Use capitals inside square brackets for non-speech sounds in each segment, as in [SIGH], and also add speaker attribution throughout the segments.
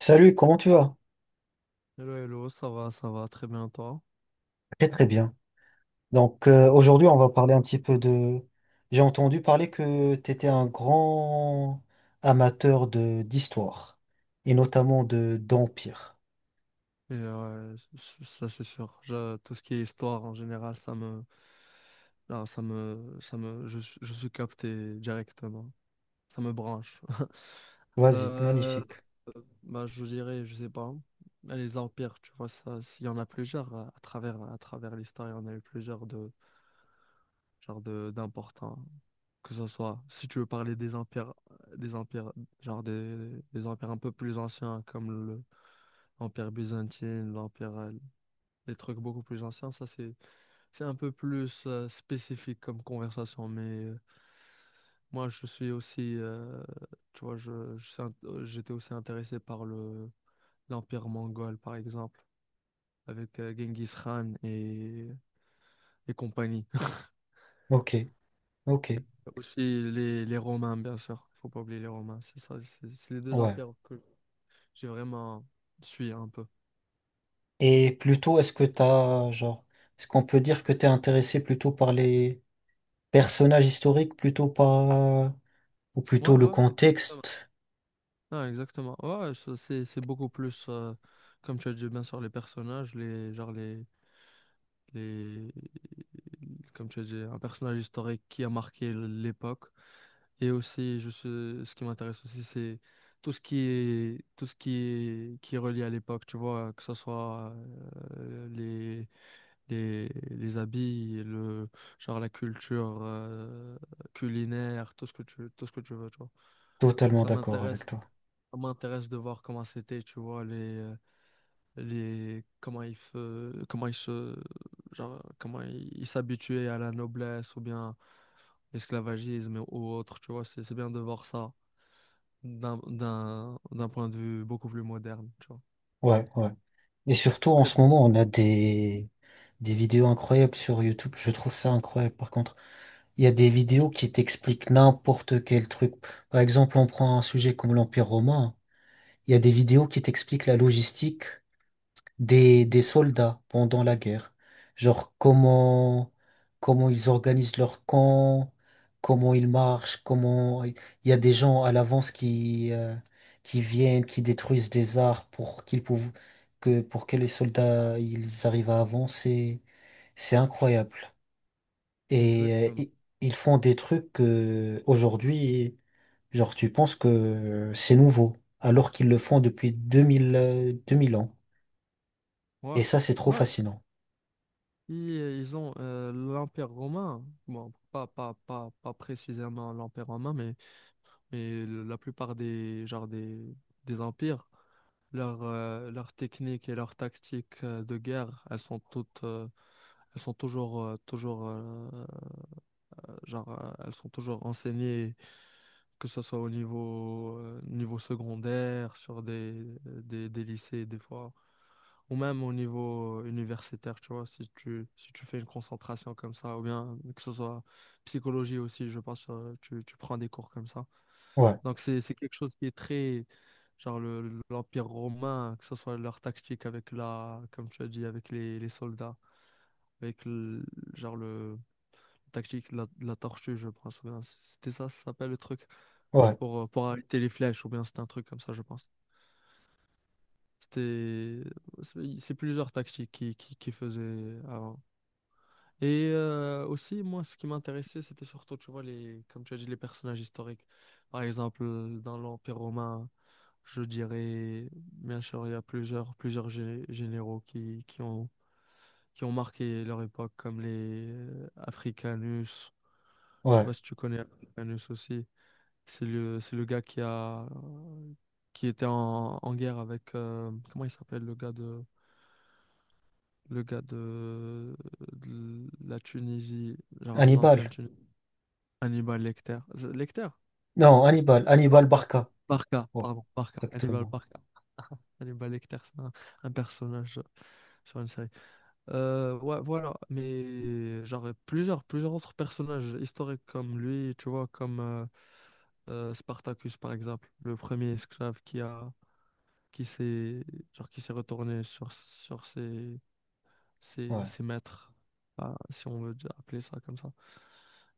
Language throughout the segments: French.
Speaker 1: Salut, comment tu vas?
Speaker 2: Hello, hello, ça va, très bien, toi.
Speaker 1: Très très bien. Donc aujourd'hui, on va parler un petit peu de... J'ai entendu parler que tu étais un grand amateur de d'histoire et notamment de d'empire.
Speaker 2: Ça, c'est sûr. Tout ce qui est histoire en général, ça me, non, ça me, je suis capté directement. Ça me branche. [LAUGHS]
Speaker 1: Vas-y,
Speaker 2: Euh,
Speaker 1: magnifique.
Speaker 2: je dirais, je sais pas, les empires, tu vois, ça, s'il y en a plusieurs à travers l'histoire, il y en a eu plusieurs de d'importants. Que ce soit, si tu veux parler des empires, des empires, genre des empires un peu plus anciens comme le Empire byzantin, les trucs beaucoup plus anciens, ça c'est un peu plus spécifique comme conversation. Moi je suis aussi, j'étais aussi intéressé par le l'empire mongol par exemple, avec Genghis Khan et compagnie.
Speaker 1: Ok, ok,
Speaker 2: [LAUGHS] Aussi les Romains, bien sûr, faut pas oublier les Romains. C'est ça, c'est les deux
Speaker 1: ouais.
Speaker 2: empires que j'ai vraiment suivi un peu.
Speaker 1: Et plutôt, est-ce que t'as genre, est-ce qu'on peut dire que t'es intéressé plutôt par les personnages historiques, plutôt par ou
Speaker 2: Ouais
Speaker 1: plutôt le
Speaker 2: ouais.
Speaker 1: contexte?
Speaker 2: Non, exactement. Ouais, ça c'est beaucoup plus, comme tu as dit, bien sûr, les personnages, les, genre les, comme tu as dit, un personnage historique qui a marqué l'époque. Et aussi, ce qui m'intéresse aussi, c'est tout ce qui est, qui est relié à l'époque, tu vois, que ce soit euh, les, les habits, genre la culture culinaire, tout ce que tu veux, tu vois.
Speaker 1: Totalement
Speaker 2: Ça
Speaker 1: d'accord avec
Speaker 2: m'intéresse.
Speaker 1: toi.
Speaker 2: Ça m'intéresse de voir comment c'était, tu vois, comment comment ils se, genre, comment ils ils s'habituaient à la noblesse ou bien l'esclavagisme ou autre, tu vois, c'est bien de voir ça d'un point de vue beaucoup plus moderne, tu vois.
Speaker 1: Ouais, ouais. Et surtout en
Speaker 2: Très,
Speaker 1: ce
Speaker 2: très
Speaker 1: moment, on a des vidéos incroyables sur YouTube. Je trouve ça incroyable. Par contre, il y a des vidéos qui t'expliquent n'importe quel truc. Par exemple, on prend un sujet comme l'Empire romain, hein. Il y a des vidéos qui t'expliquent la logistique des
Speaker 2: bien.
Speaker 1: soldats pendant la guerre. Genre comment ils organisent leur camp, comment ils marchent, comment il y a des gens à l'avance qui viennent, qui détruisent des arbres pour que les soldats ils arrivent à avancer. C'est incroyable. Et
Speaker 2: Exactement.
Speaker 1: ils font des trucs que aujourd'hui, genre tu penses que c'est nouveau, alors qu'ils le font depuis deux mille ans.
Speaker 2: Ouais.
Speaker 1: Et ça, c'est trop
Speaker 2: Non,
Speaker 1: fascinant.
Speaker 2: ils, ils ont l'Empire romain, bon, pas précisément l'Empire romain, mais la plupart des empires, leur technique et leur tactique de guerre, elles sont toutes, elles sont toujours, toujours, genre, elles sont toujours enseignées, que ce soit au niveau, niveau secondaire, sur des lycées, des fois. Ou même au niveau universitaire, tu vois, si tu fais une concentration comme ça, ou bien que ce soit psychologie aussi, je pense, tu prends des cours comme ça.
Speaker 1: Ouais,
Speaker 2: Donc c'est quelque chose qui est très, l'Empire romain, que ce soit leur tactique avec la, comme tu as dit, avec les soldats, avec le, genre le tactique de la tortue, je pense. Ou bien c'était ça, ça s'appelle le truc,
Speaker 1: ouais,
Speaker 2: pour arrêter les flèches, ou bien c'était un truc comme ça, je pense. C'était, c'est plusieurs tactiques qui faisaient avant. Et aussi, moi, ce qui m'intéressait, c'était surtout, tu vois, les, comme tu as dit, les personnages historiques. Par exemple, dans l'Empire romain, je dirais, bien sûr, il y a plusieurs généraux qui qui ont marqué leur époque, comme les Africanus. Je sais
Speaker 1: ouais.
Speaker 2: pas si tu connais Africanus aussi. C'est le gars qui a, qui était en guerre avec, comment il s'appelle, le gars de la Tunisie, genre
Speaker 1: Hannibal.
Speaker 2: l'ancienne Tunisie. Hannibal Lecter. Lecter?
Speaker 1: Non, Hannibal. Hannibal
Speaker 2: Barca.
Speaker 1: Barca.
Speaker 2: Barca,
Speaker 1: Ouais,
Speaker 2: pardon, Barca. Hannibal
Speaker 1: exactement.
Speaker 2: Barca. Hannibal Lecter, c'est un personnage sur une série. Ouais, voilà. Mais j'aurais plusieurs autres personnages historiques comme lui, tu vois, comme Spartacus, par exemple, le premier esclave qui a, qui s'est, qui s'est retourné sur
Speaker 1: Ouais.
Speaker 2: ses maîtres. Ah, si on veut appeler ça comme ça,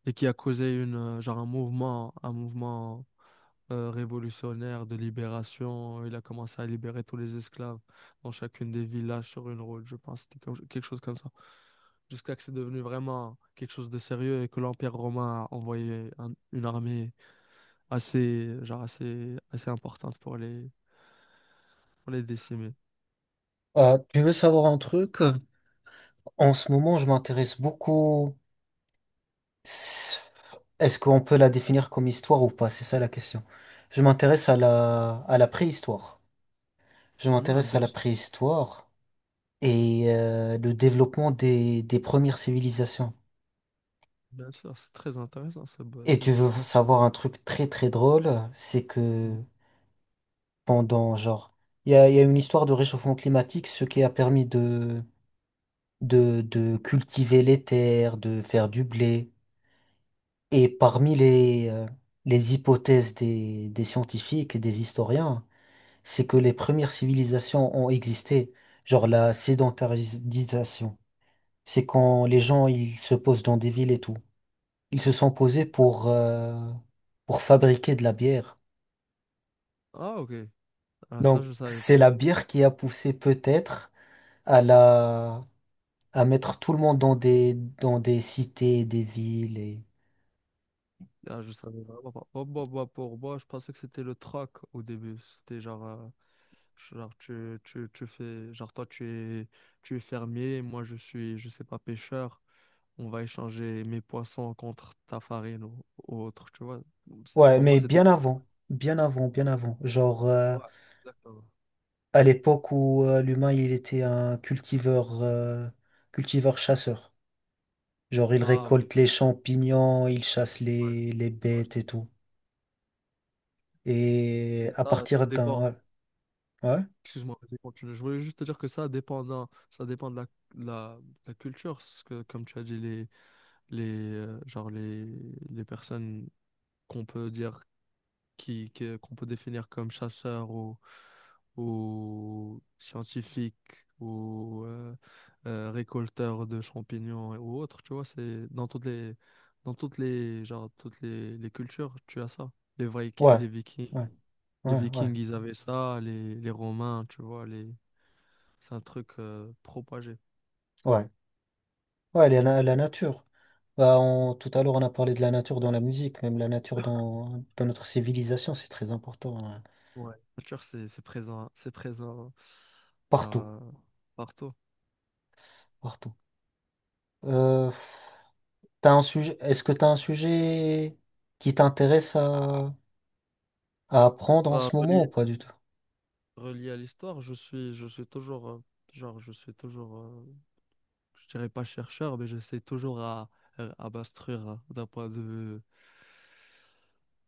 Speaker 2: et qui a causé une, genre un mouvement, un mouvement révolutionnaire de libération. Il a commencé à libérer tous les esclaves dans chacune des villages sur une route, je pense. Quelque chose comme ça. Jusqu'à que c'est devenu vraiment quelque chose de sérieux et que l'Empire romain a envoyé une armée assez, assez importante pour les décimer.
Speaker 1: Tu veux savoir un truc? En ce moment, je m'intéresse beaucoup. Est-ce qu'on peut la définir comme histoire ou pas? C'est ça la question. Je m'intéresse à la préhistoire. Je
Speaker 2: Ouais,
Speaker 1: m'intéresse à la préhistoire et le développement des premières civilisations.
Speaker 2: bien sûr, c'est très intéressant. Ce bo-
Speaker 1: Et
Speaker 2: ce
Speaker 1: tu
Speaker 2: mo-
Speaker 1: veux savoir un truc très très drôle, c'est que
Speaker 2: Mm.
Speaker 1: pendant, genre, il y a une histoire de réchauffement climatique, ce qui a permis de cultiver les terres, de faire du blé. Et parmi les hypothèses des scientifiques et des historiens, c'est que les premières civilisations ont existé, genre la sédentarisation. C'est quand les gens, ils se posent dans des villes et tout. Ils se sont posés pour fabriquer de la bière.
Speaker 2: Ah, ok. Ah, ça,
Speaker 1: Donc,
Speaker 2: je savais pas.
Speaker 1: c'est la bière qui a poussé peut-être à la, à mettre tout le monde dans des cités, des villes et...
Speaker 2: Ah, je savais vraiment pas. Oh, bah, pour moi, je pensais que c'était le troc au début. C'était genre. Genre, tu fais, genre, toi, es, tu es fermier, moi, je suis, je sais pas, pêcheur. On va échanger mes poissons contre ta farine ou autre, tu vois.
Speaker 1: Ouais,
Speaker 2: Pour moi,
Speaker 1: mais
Speaker 2: c'était
Speaker 1: bien
Speaker 2: comme...
Speaker 1: avant, bien avant, bien avant. Genre
Speaker 2: Ouais, exactement.
Speaker 1: à l'époque où l'humain il était un cultiveur chasseur. Genre il
Speaker 2: Ah, ok.
Speaker 1: récolte les champignons, il chasse
Speaker 2: Ouais,
Speaker 1: les
Speaker 2: ouais, je-
Speaker 1: bêtes et tout. Et
Speaker 2: mais
Speaker 1: à
Speaker 2: ça
Speaker 1: partir d'un,
Speaker 2: dépend.
Speaker 1: ouais, ouais,
Speaker 2: Excuse-moi, vas-y, continue. Je voulais juste te dire que ça dépend ça dépend de la culture. Parce que, comme tu as dit, les, euh, genre les, les personnes qu'on peut dire qu'on peut définir comme chasseur ou scientifique ou récolteur de champignons ou autre, tu vois, c'est dans toutes les les cultures, tu as ça.
Speaker 1: ouais,
Speaker 2: Les
Speaker 1: ouais,
Speaker 2: Vikings,
Speaker 1: ouais, ouais,
Speaker 2: Ils avaient ça, les Romains, tu vois, les c'est un truc propagé.
Speaker 1: ouais. Ouais, la nature. Bah, tout à l'heure, on a parlé de la nature dans la musique, même la nature dans notre civilisation, c'est très important, hein.
Speaker 2: Ouais, la culture c'est présent, c'est présent genre,
Speaker 1: Partout,
Speaker 2: euh, partout.
Speaker 1: partout. Euh, T'as un sujet, est-ce que tu as un sujet qui t'intéresse à apprendre en
Speaker 2: Pas
Speaker 1: ce moment ou
Speaker 2: relié,
Speaker 1: pas du tout?
Speaker 2: relié à l'histoire, je suis toujours, genre, je suis toujours, euh, je dirais pas chercheur, mais j'essaie toujours à m'instruire, hein, d'un point de vue.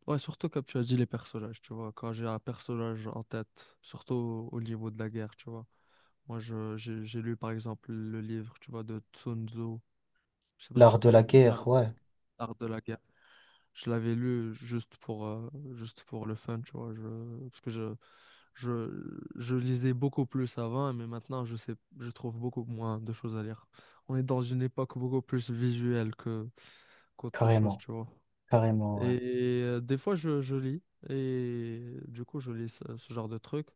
Speaker 2: Ouais, surtout comme tu as dit, les personnages, tu vois. Quand j'ai un personnage en tête, surtout au niveau de la guerre, tu vois. Moi, j'ai lu par exemple le livre, tu vois, de Sun Tzu. Je sais pas si
Speaker 1: L'art
Speaker 2: tu
Speaker 1: de la
Speaker 2: connais
Speaker 1: guerre, ouais,
Speaker 2: l'art de la guerre. Je l'avais lu juste pour le fun, tu vois. Parce que je lisais beaucoup plus avant, mais maintenant, je sais, je trouve beaucoup moins de choses à lire. On est dans une époque beaucoup plus visuelle qu'autre chose,
Speaker 1: carrément,
Speaker 2: tu vois.
Speaker 1: carrément, ouais.
Speaker 2: Et des fois, je lis, et du coup, je lis ce genre de truc,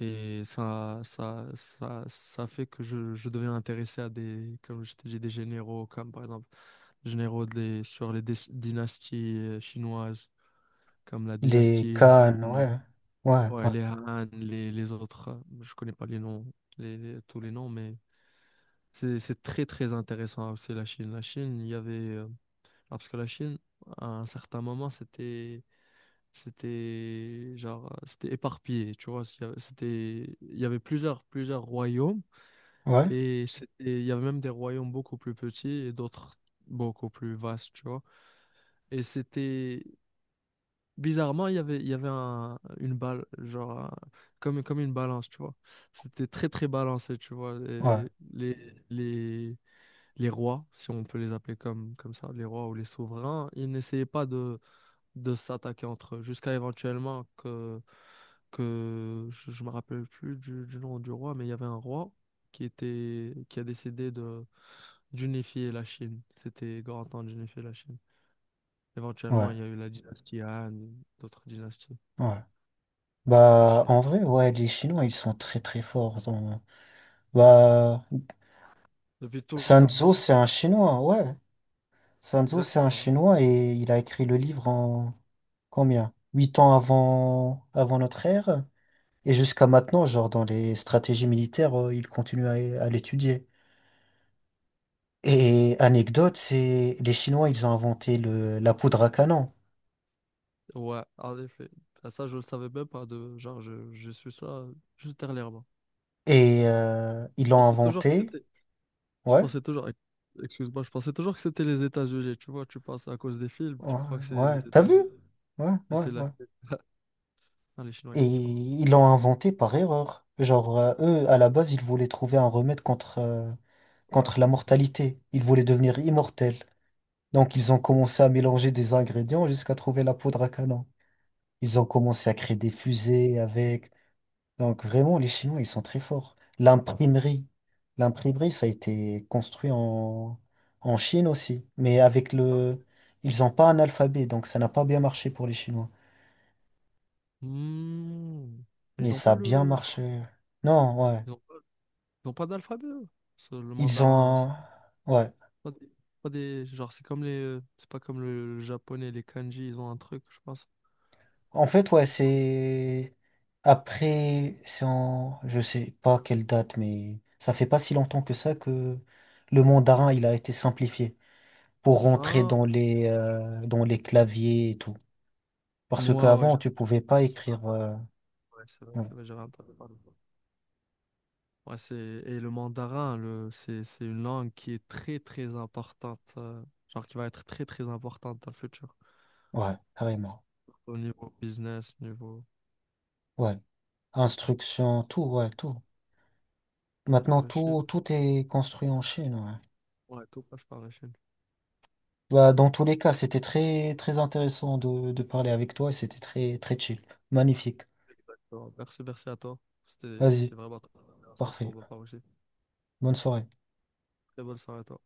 Speaker 2: et ça fait que je deviens intéressé à des, comme je t'ai dit, des généraux, comme par exemple, généraux des, sur les dynasties chinoises comme la
Speaker 1: Les
Speaker 2: dynastie
Speaker 1: cannes,
Speaker 2: Han,
Speaker 1: ouais, ouais,
Speaker 2: ouais,
Speaker 1: ouais,
Speaker 2: les Han, les autres, je connais pas les noms, tous les noms, mais c'est très très intéressant aussi la Chine. La Chine, il y avait, parce que la Chine, à un certain moment, c'était éparpillé, tu vois, s'il y avait- c'était il y avait plusieurs royaumes
Speaker 1: ouais,
Speaker 2: et c'était il y avait même des royaumes beaucoup plus petits et d'autres beaucoup plus vastes, tu vois. Et c'était Bizarrement, il y avait une balle, comme, comme une balance, tu vois. C'était très, très balancé, tu vois.
Speaker 1: ouais,
Speaker 2: Et les, les rois, si on peut les appeler comme ça, les rois ou les souverains, ils n'essayaient pas de s'attaquer entre eux, jusqu'à éventuellement que je me rappelle plus du nom du roi, mais il y avait un roi qui a décidé d'unifier la Chine. C'était grand temps d'unifier la Chine. Éventuellement,
Speaker 1: ouais,
Speaker 2: il y a eu la dynastie Han, d'autres dynasties.
Speaker 1: ouais.
Speaker 2: La
Speaker 1: Bah,
Speaker 2: Chine.
Speaker 1: en vrai, ouais, les Chinois, ils sont très, très forts dans...
Speaker 2: Ouais.
Speaker 1: Bah,
Speaker 2: Depuis tout le
Speaker 1: Sun
Speaker 2: temps.
Speaker 1: Tzu, c'est un Chinois, hein, ouais. Sun Tzu, c'est un
Speaker 2: Exactement.
Speaker 1: Chinois et il a écrit le livre en combien? 8 ans avant notre ère. Et jusqu'à maintenant, genre dans les stratégies militaires, il continue à l'étudier. Et anecdote, c'est les Chinois, ils ont inventé le, la poudre à canon.
Speaker 2: Ouais, en effet. Ah, ça, je le savais même pas, je suis ça juste dernièrement.
Speaker 1: Et ils
Speaker 2: Je
Speaker 1: l'ont
Speaker 2: pensais toujours que
Speaker 1: inventé,
Speaker 2: c'était. Je
Speaker 1: ouais,
Speaker 2: pensais toujours. Ex- Excuse-moi, je pensais toujours que c'était les États-Unis. Tu vois, tu penses à cause des films,
Speaker 1: ouais,
Speaker 2: tu crois que c'est
Speaker 1: ouais,
Speaker 2: les
Speaker 1: t'as vu?
Speaker 2: États-Unis.
Speaker 1: Ouais,
Speaker 2: Mais
Speaker 1: ouais,
Speaker 2: c'est la
Speaker 1: ouais.
Speaker 2: Chine. [LAUGHS] Ah, les Chinois, ils
Speaker 1: Et
Speaker 2: sont forts.
Speaker 1: ils l'ont inventé par erreur. Genre, eux, à la base, ils voulaient trouver un remède contre... euh,
Speaker 2: Ouais.
Speaker 1: contre la mortalité. Ils voulaient devenir immortels. Donc ils ont commencé à mélanger des ingrédients jusqu'à trouver la poudre à canon. Ils ont commencé à créer des fusées avec. Donc vraiment, les Chinois, ils sont très forts. L'imprimerie. L'imprimerie, ça a été construit en Chine aussi. Mais avec le... Ils n'ont pas un alphabet, donc ça n'a pas bien marché pour les Chinois.
Speaker 2: Hmm.
Speaker 1: Mais
Speaker 2: Ils ont
Speaker 1: ça
Speaker 2: pas
Speaker 1: a bien
Speaker 2: le.
Speaker 1: marché. Non, ouais.
Speaker 2: Ils ont, ils ont pas d'alphabet, eux. C'est le
Speaker 1: Ils
Speaker 2: mandarin,
Speaker 1: ont...
Speaker 2: c'est
Speaker 1: un- Ouais.
Speaker 2: pas des. Genre, c'est comme les. C'est pas comme le japonais, les kanji, ils ont un truc, je pense.
Speaker 1: En fait, ouais, c'est après, c'est en, je sais pas quelle date, mais ça fait pas si longtemps que ça que le mandarin il a été simplifié pour rentrer
Speaker 2: Ah,
Speaker 1: dans les claviers et tout. Parce
Speaker 2: moi, ouais,
Speaker 1: qu'avant, tu pouvais pas
Speaker 2: j'avais
Speaker 1: écrire.
Speaker 2: entendu. Ouais,
Speaker 1: Ouais,
Speaker 2: c'est vrai, j'avais entendu parler. Ouais, c'est, et le mandarin, c'est une langue qui est très, très importante. Qui va être très, très importante dans le futur.
Speaker 1: ouais, carrément.
Speaker 2: Au niveau business, niveau.
Speaker 1: Ouais, instruction, tout, ouais, tout.
Speaker 2: Parce que
Speaker 1: Maintenant,
Speaker 2: la Chine,
Speaker 1: tout tout est construit en Chine. Ouais.
Speaker 2: ouais, tout passe par la Chine.
Speaker 1: Bah, dans tous les cas, c'était très très intéressant de parler avec toi. Et c'était très très chill, magnifique.
Speaker 2: Bon, merci, merci à toi.
Speaker 1: Vas-y,
Speaker 2: C'était vraiment très intéressant
Speaker 1: parfait.
Speaker 2: pour ma part aussi.
Speaker 1: Bonne soirée.
Speaker 2: Très bonne soirée à toi.